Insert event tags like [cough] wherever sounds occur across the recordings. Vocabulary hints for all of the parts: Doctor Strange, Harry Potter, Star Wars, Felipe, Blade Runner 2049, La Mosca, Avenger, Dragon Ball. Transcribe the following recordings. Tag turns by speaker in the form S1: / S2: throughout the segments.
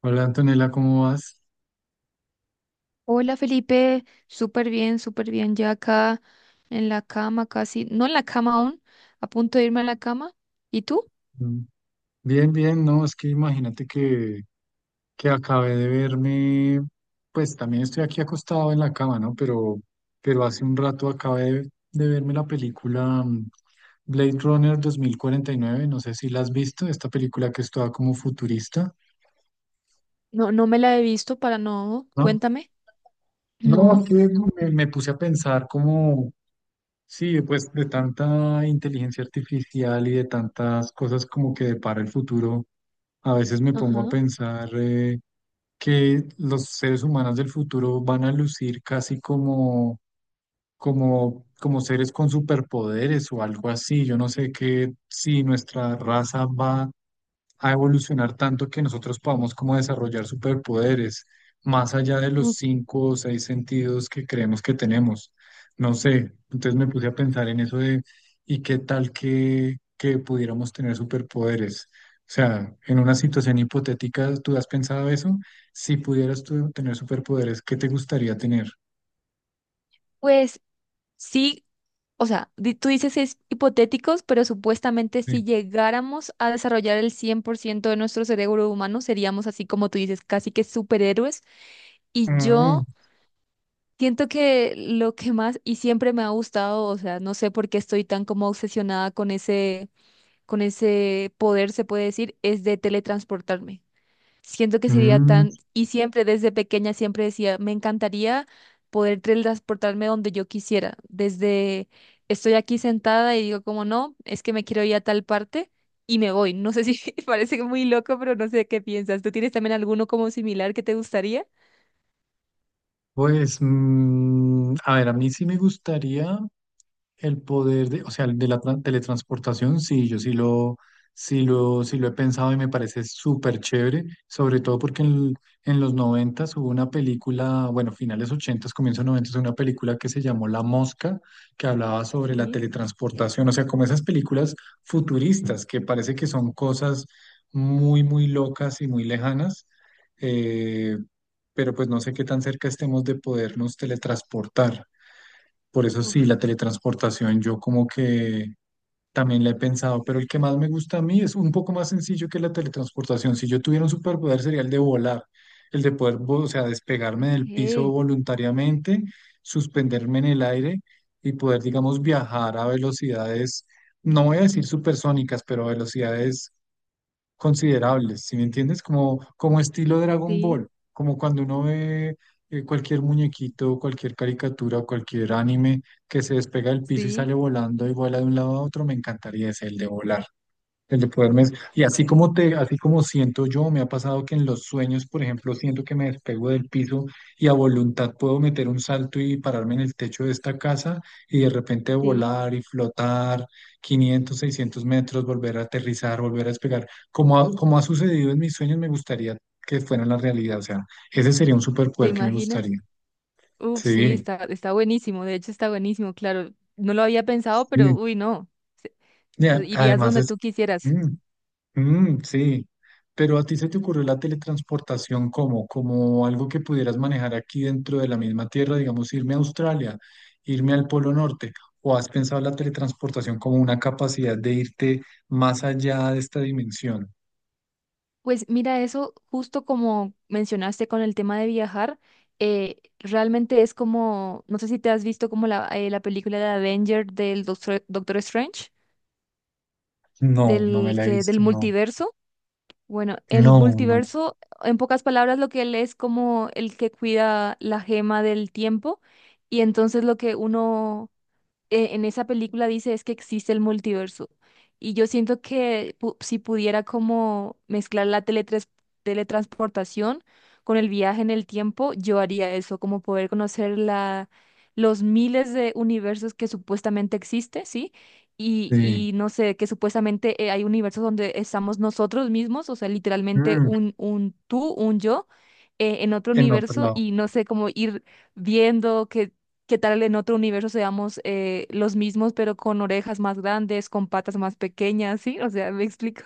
S1: Hola Antonella, ¿cómo vas?
S2: Hola Felipe, súper bien, súper bien. Ya acá en la cama, casi, no en la cama aún, a punto de irme a la cama. ¿Y tú?
S1: Mm, Bien, bien, no, es que imagínate que acabé de verme, pues también estoy aquí acostado en la cama, ¿no? Pero hace un rato acabé de verme la película Blade Runner 2049. No sé si la has visto, esta película que es toda como futurista,
S2: No, no me la he visto para no.
S1: ¿no?
S2: Cuéntame.
S1: No, es
S2: No.
S1: que me puse a pensar como, sí, pues de tanta inteligencia artificial y de tantas cosas como que depara el futuro. A veces me pongo a
S2: Ajá.
S1: pensar que los seres humanos del futuro van a lucir casi como, como seres con superpoderes o algo así. Yo no sé que si nuestra raza va a evolucionar tanto que nosotros podamos como desarrollar superpoderes, más allá de los
S2: Mm.
S1: 5 o 6 sentidos que creemos que tenemos. No sé, entonces me puse a pensar en eso de, ¿y qué tal que pudiéramos tener superpoderes? O sea, en una situación hipotética, ¿tú has pensado eso? Si pudieras tú tener superpoderes, ¿qué te gustaría tener?
S2: Pues sí, o sea, tú dices es hipotéticos, pero supuestamente
S1: Sí.
S2: si llegáramos a desarrollar el 100% de nuestro cerebro humano, seríamos así como tú dices, casi que superhéroes. Y
S1: Mm,
S2: yo. Siento que lo que más y siempre me ha gustado, o sea, no sé por qué estoy tan como obsesionada con ese poder, se puede decir, es de teletransportarme. Siento que sería
S1: mm,
S2: tan, y siempre desde pequeña siempre decía, me encantaría poder teletransportarme donde yo quisiera. Desde estoy aquí sentada y digo como no, es que me quiero ir a tal parte y me voy. No sé si [laughs] parece muy loco, pero no sé qué piensas. ¿Tú tienes también alguno como similar que te gustaría?
S1: a ver, a mí sí me gustaría el poder de, o sea, el de la teletransportación, sí, yo sí lo, sí lo, sí lo he pensado y me parece súper chévere, sobre todo porque en los noventas hubo una película, bueno, finales ochentas, comienzos noventas, una película que se llamó La Mosca, que hablaba sobre la
S2: Sí.
S1: teletransportación, o sea, como esas películas futuristas que parece que son cosas muy, muy locas y muy lejanas, eh, pero pues no sé qué tan cerca estemos de podernos teletransportar. Por eso sí,
S2: Uf,
S1: la teletransportación yo como que también la he pensado, pero el que más me gusta a mí es un poco más sencillo que la teletransportación. Si yo tuviera un superpoder sería el de volar, el de poder, o sea, despegarme del piso
S2: ok,
S1: voluntariamente, suspenderme en el aire y poder, digamos, viajar a velocidades, no voy a decir supersónicas, pero a velocidades considerables, ¿si me entiendes? Como, como estilo Dragon
S2: sí.
S1: Ball, como cuando uno ve cualquier muñequito, cualquier caricatura, cualquier anime que se despega del piso y sale
S2: Sí,
S1: volando y vuela de un lado a otro, me encantaría ese, el de volar. El de poderme, y así como te, así como siento yo, me ha pasado que en los sueños, por ejemplo, siento que me despego del piso y a voluntad puedo meter un salto y pararme en el techo de esta casa y de repente
S2: sí,
S1: volar y flotar 500 600 metros, volver a aterrizar, volver a despegar. Como ha sucedido en mis sueños, me gustaría que fuera la realidad. O sea, ese sería un
S2: ¿te
S1: superpoder que me
S2: imaginas?
S1: gustaría.
S2: Uf, sí,
S1: Sí.
S2: está buenísimo, de hecho está buenísimo, claro, no lo había pensado, pero
S1: Sí.
S2: uy, no,
S1: Y
S2: pues, irías
S1: además
S2: donde
S1: es...
S2: tú quisieras.
S1: mm. Mm, sí, pero a ti se te ocurrió la teletransportación como, como algo que pudieras manejar aquí dentro de la misma tierra, digamos, irme a Australia, irme al Polo Norte, o has pensado la teletransportación como una capacidad de irte más allá de esta dimensión.
S2: Pues mira, eso justo como mencionaste con el tema de viajar, realmente es como, no sé si te has visto como la película de Avenger del Doctor, Doctor Strange,
S1: No, no me la he
S2: del
S1: visto, no,
S2: multiverso. Bueno, el
S1: no, no,
S2: multiverso, en pocas palabras, lo que él es como el que cuida la gema del tiempo y entonces lo que uno en esa película dice es que existe el multiverso. Y yo siento que si pudiera como mezclar la teletransportación con el viaje en el tiempo, yo haría eso, como poder conocer los miles de universos que supuestamente existe, ¿sí? Y,
S1: sí,
S2: y no sé, que supuestamente hay universos donde estamos nosotros mismos, o sea, literalmente
S1: Mm,
S2: un tú, un yo, en otro
S1: en otro
S2: universo
S1: lado.
S2: y no sé, cómo ir viendo que ¿qué tal en otro universo seamos los mismos, pero con orejas más grandes, con patas más pequeñas, ¿sí? O sea, ¿me explico?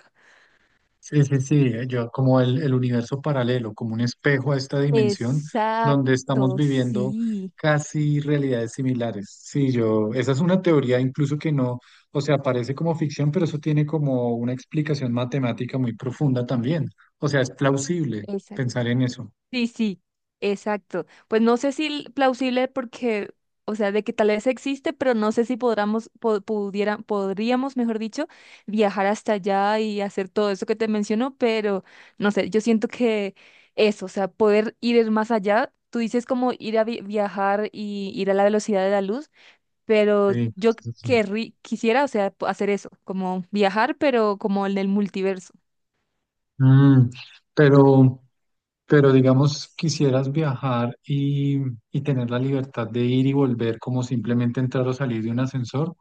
S1: Sí, sí, sí, yo como el universo paralelo, como un espejo a esta dimensión donde estamos
S2: Exacto,
S1: viviendo
S2: sí,
S1: casi realidades similares. Sí, yo, esa es una teoría incluso que no, o sea, parece como ficción, pero eso tiene como una explicación matemática muy profunda también. O sea, es plausible pensar en eso.
S2: sí, sí, exacto. Pues no sé si plausible porque, o sea, de que tal vez existe, pero no sé si podríamos, pudieran, podríamos, mejor dicho, viajar hasta allá y hacer todo eso que te menciono, pero no sé, yo siento que eso, o sea, poder ir más allá, tú dices como ir a viajar y ir a la velocidad de la luz, pero
S1: Sí,
S2: yo
S1: sí, sí, sí.
S2: quisiera, o sea, hacer eso, como viajar, pero como en el multiverso.
S1: Mm, pero, pero digamos, quisieras viajar y tener la libertad de ir y volver como simplemente entrar o salir de un ascensor.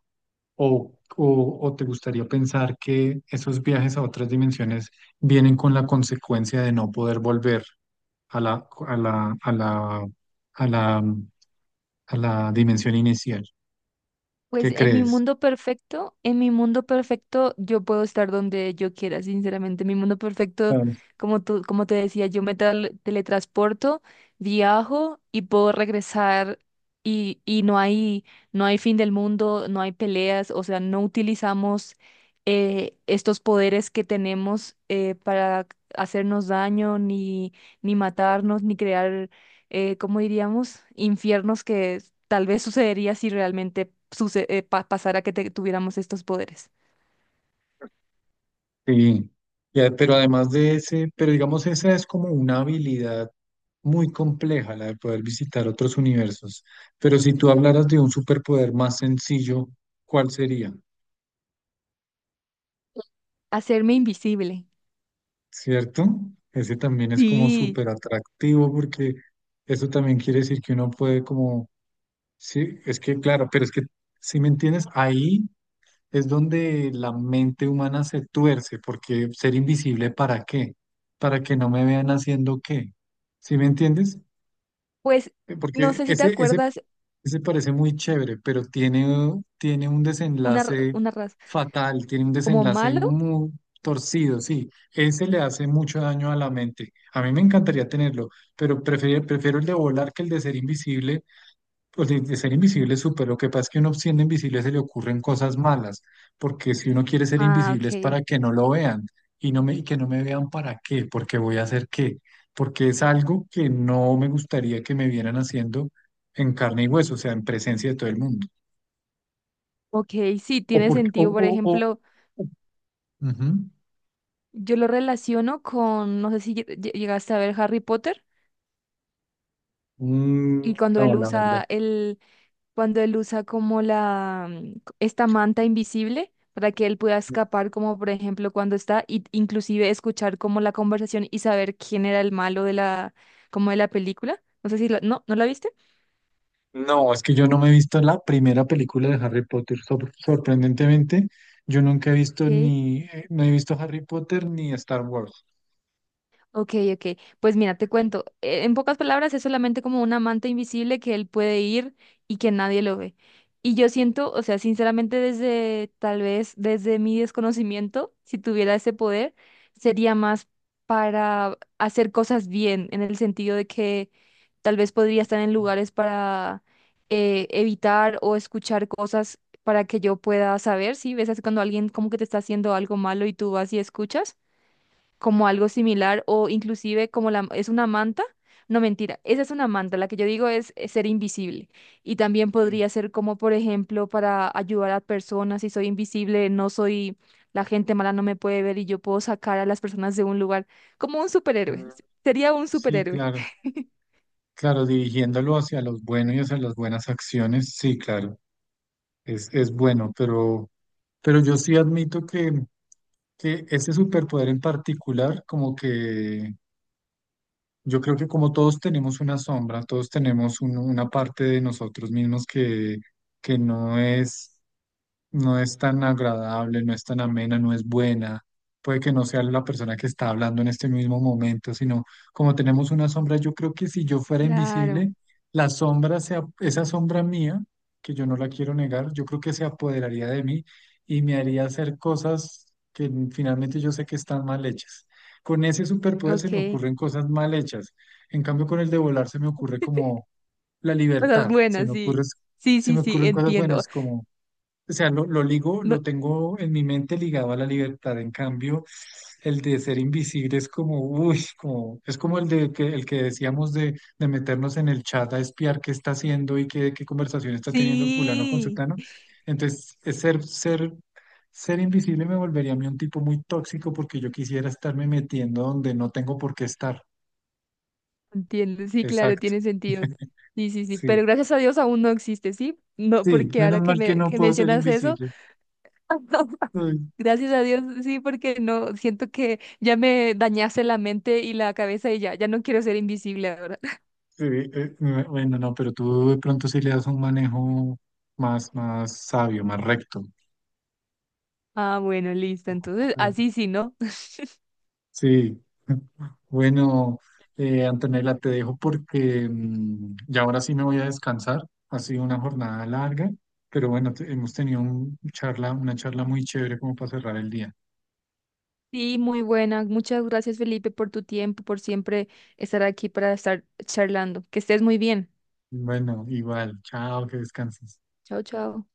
S1: O te gustaría pensar que esos viajes a otras dimensiones vienen con la consecuencia de no poder volver a la, a la, a la, a la, a la dimensión inicial?
S2: Pues
S1: ¿Qué
S2: en mi
S1: crees?
S2: mundo perfecto, en mi mundo perfecto yo puedo estar donde yo quiera, sinceramente. Mi mundo perfecto,
S1: Claro.
S2: como tú, como te decía, yo me teletransporto, viajo y puedo regresar y no hay, no hay fin del mundo, no hay peleas, o sea, no utilizamos estos poderes que tenemos para hacernos daño, ni, ni matarnos, ni crear ¿cómo diríamos? Infiernos que tal vez sucedería si realmente pasara que tuviéramos estos poderes.
S1: Sí, ya, pero además de ese, pero digamos, esa es como una habilidad muy compleja, la de poder visitar otros universos. Pero si tú hablaras de un superpoder más sencillo, ¿cuál sería?
S2: Hacerme invisible.
S1: ¿Cierto? Ese también es como
S2: Sí,
S1: súper atractivo porque eso también quiere decir que uno puede como, sí, es que claro, pero es que, si me entiendes, ahí es donde la mente humana se tuerce, porque ser invisible, ¿para qué? Para que no me vean haciendo qué, ¿sí me entiendes?
S2: pues no
S1: Porque
S2: sé si te
S1: ese
S2: acuerdas
S1: ese parece muy chévere, pero tiene, tiene un
S2: una,
S1: desenlace
S2: una raza
S1: fatal, tiene un
S2: como
S1: desenlace
S2: malo.
S1: muy torcido, sí. Ese le hace mucho daño a la mente. A mí me encantaría tenerlo, pero prefiero, prefiero el de volar que el de ser invisible pues de ser invisible es súper. Lo que pasa es que uno siendo invisible se le ocurren cosas malas, porque si uno quiere ser
S2: Ah,
S1: invisible es
S2: ok.
S1: para que no lo vean y que no me vean para qué, porque voy a hacer qué, porque es algo que no me gustaría que me vieran haciendo en carne y hueso, o sea, en presencia de todo el mundo.
S2: Ok, sí,
S1: O
S2: tiene
S1: porque,
S2: sentido.
S1: o,
S2: Por ejemplo,
S1: o- ujú.
S2: yo lo relaciono con, no sé si llegaste a ver Harry Potter y cuando
S1: No,
S2: él
S1: la verdad.
S2: usa el, cuando él usa como la esta manta invisible para que él pueda escapar, como por ejemplo cuando está, y inclusive escuchar como la conversación y saber quién era el malo de la, como de la película. No sé si la, no, ¿no la viste?
S1: No, es que yo no me he visto la primera película de Harry Potter. Sorprendentemente, yo nunca he visto
S2: Ok.
S1: ni, no he visto Harry Potter ni Star Wars.
S2: Ok, ok. Pues mira, te cuento. En pocas palabras, es solamente como un amante invisible que él puede ir y que nadie lo ve. Y yo siento, o sea, sinceramente, desde tal vez desde mi desconocimiento, si tuviera ese poder, sería más para hacer cosas bien, en el sentido de que tal vez podría estar en lugares para evitar o escuchar cosas para que yo pueda saber, ¿sí? ¿Ves? Es cuando alguien como que te está haciendo algo malo y tú vas y escuchas como algo similar o inclusive como la, es una manta. No, mentira, esa es una manta, la que yo digo es, ser invisible. Y también
S1: Sí,
S2: podría ser como, por ejemplo, para ayudar a personas, si soy invisible, no soy, la gente mala no me puede ver y yo puedo sacar a las personas de un lugar, como un superhéroe.
S1: Mm,
S2: Sería un
S1: sí,
S2: superhéroe.
S1: claro,
S2: [laughs]
S1: claro, dirigiéndolo hacia los buenos y hacia las buenas acciones, sí, claro, es bueno, pero yo sí admito que ese superpoder en particular, como que yo creo que como todos tenemos una sombra, todos tenemos una parte de nosotros mismos que no es no es tan agradable, no es tan amena, no es buena. Puede que no sea la persona que está hablando en este mismo momento, sino como tenemos una sombra, yo creo que si yo fuera
S2: Claro,
S1: invisible, la sombra, esa sombra mía, que yo no la quiero negar, yo creo que se apoderaría de mí y me haría hacer cosas que finalmente yo sé que están mal hechas. Con ese superpoder se me
S2: ok.
S1: ocurren cosas mal hechas. En cambio, con el de volar se me ocurre como la
S2: Cosas
S1: libertad, se
S2: buenas,
S1: me ocurre,
S2: sí. Sí,
S1: se
S2: sí,
S1: me
S2: sí,
S1: ocurren cosas
S2: entiendo.
S1: buenas como o sea, lo ligo,
S2: No,
S1: lo tengo en mi mente ligado a la libertad. En cambio, el de ser invisible es como, uy, como, es como el de que, el que decíamos de meternos en el chat a espiar qué está haciendo y qué, qué conversación está teniendo fulano con
S2: sí.
S1: sutano. Entonces, es ser, ser, ser invisible me volvería a mí un tipo muy tóxico porque yo quisiera estarme metiendo donde no tengo por qué estar.
S2: Entiendo, sí, claro,
S1: Exacto.
S2: tiene sentido.
S1: [laughs]
S2: Sí, sí, sí, pero
S1: Sí.
S2: gracias a Dios aún no existe, ¿sí? No,
S1: Sí,
S2: porque
S1: menos
S2: ahora que
S1: mal que
S2: me
S1: no
S2: que
S1: puedo ser
S2: mencionas eso,
S1: invisible.
S2: [laughs]
S1: Ay,
S2: gracias a Dios, sí, porque no, siento que ya me dañaste la mente y la cabeza y ya, ya no quiero ser invisible ahora. [laughs]
S1: eh, bueno, no, pero tú de pronto sí le das un manejo más, más sabio, más recto.
S2: Ah, bueno, listo, entonces,
S1: Ah.
S2: así sí, ¿no?
S1: Sí. [laughs] Bueno, Antonella, te dejo porque ya ahora sí me voy a descansar. Ha sido una jornada larga, pero bueno, hemos tenido un charla, una charla muy chévere como para cerrar el día.
S2: Sí, muy buena. Muchas gracias, Felipe, por tu tiempo, por siempre estar aquí para estar charlando. Que estés muy bien.
S1: Bueno, igual, chao, que descanses.
S2: Chao, chao.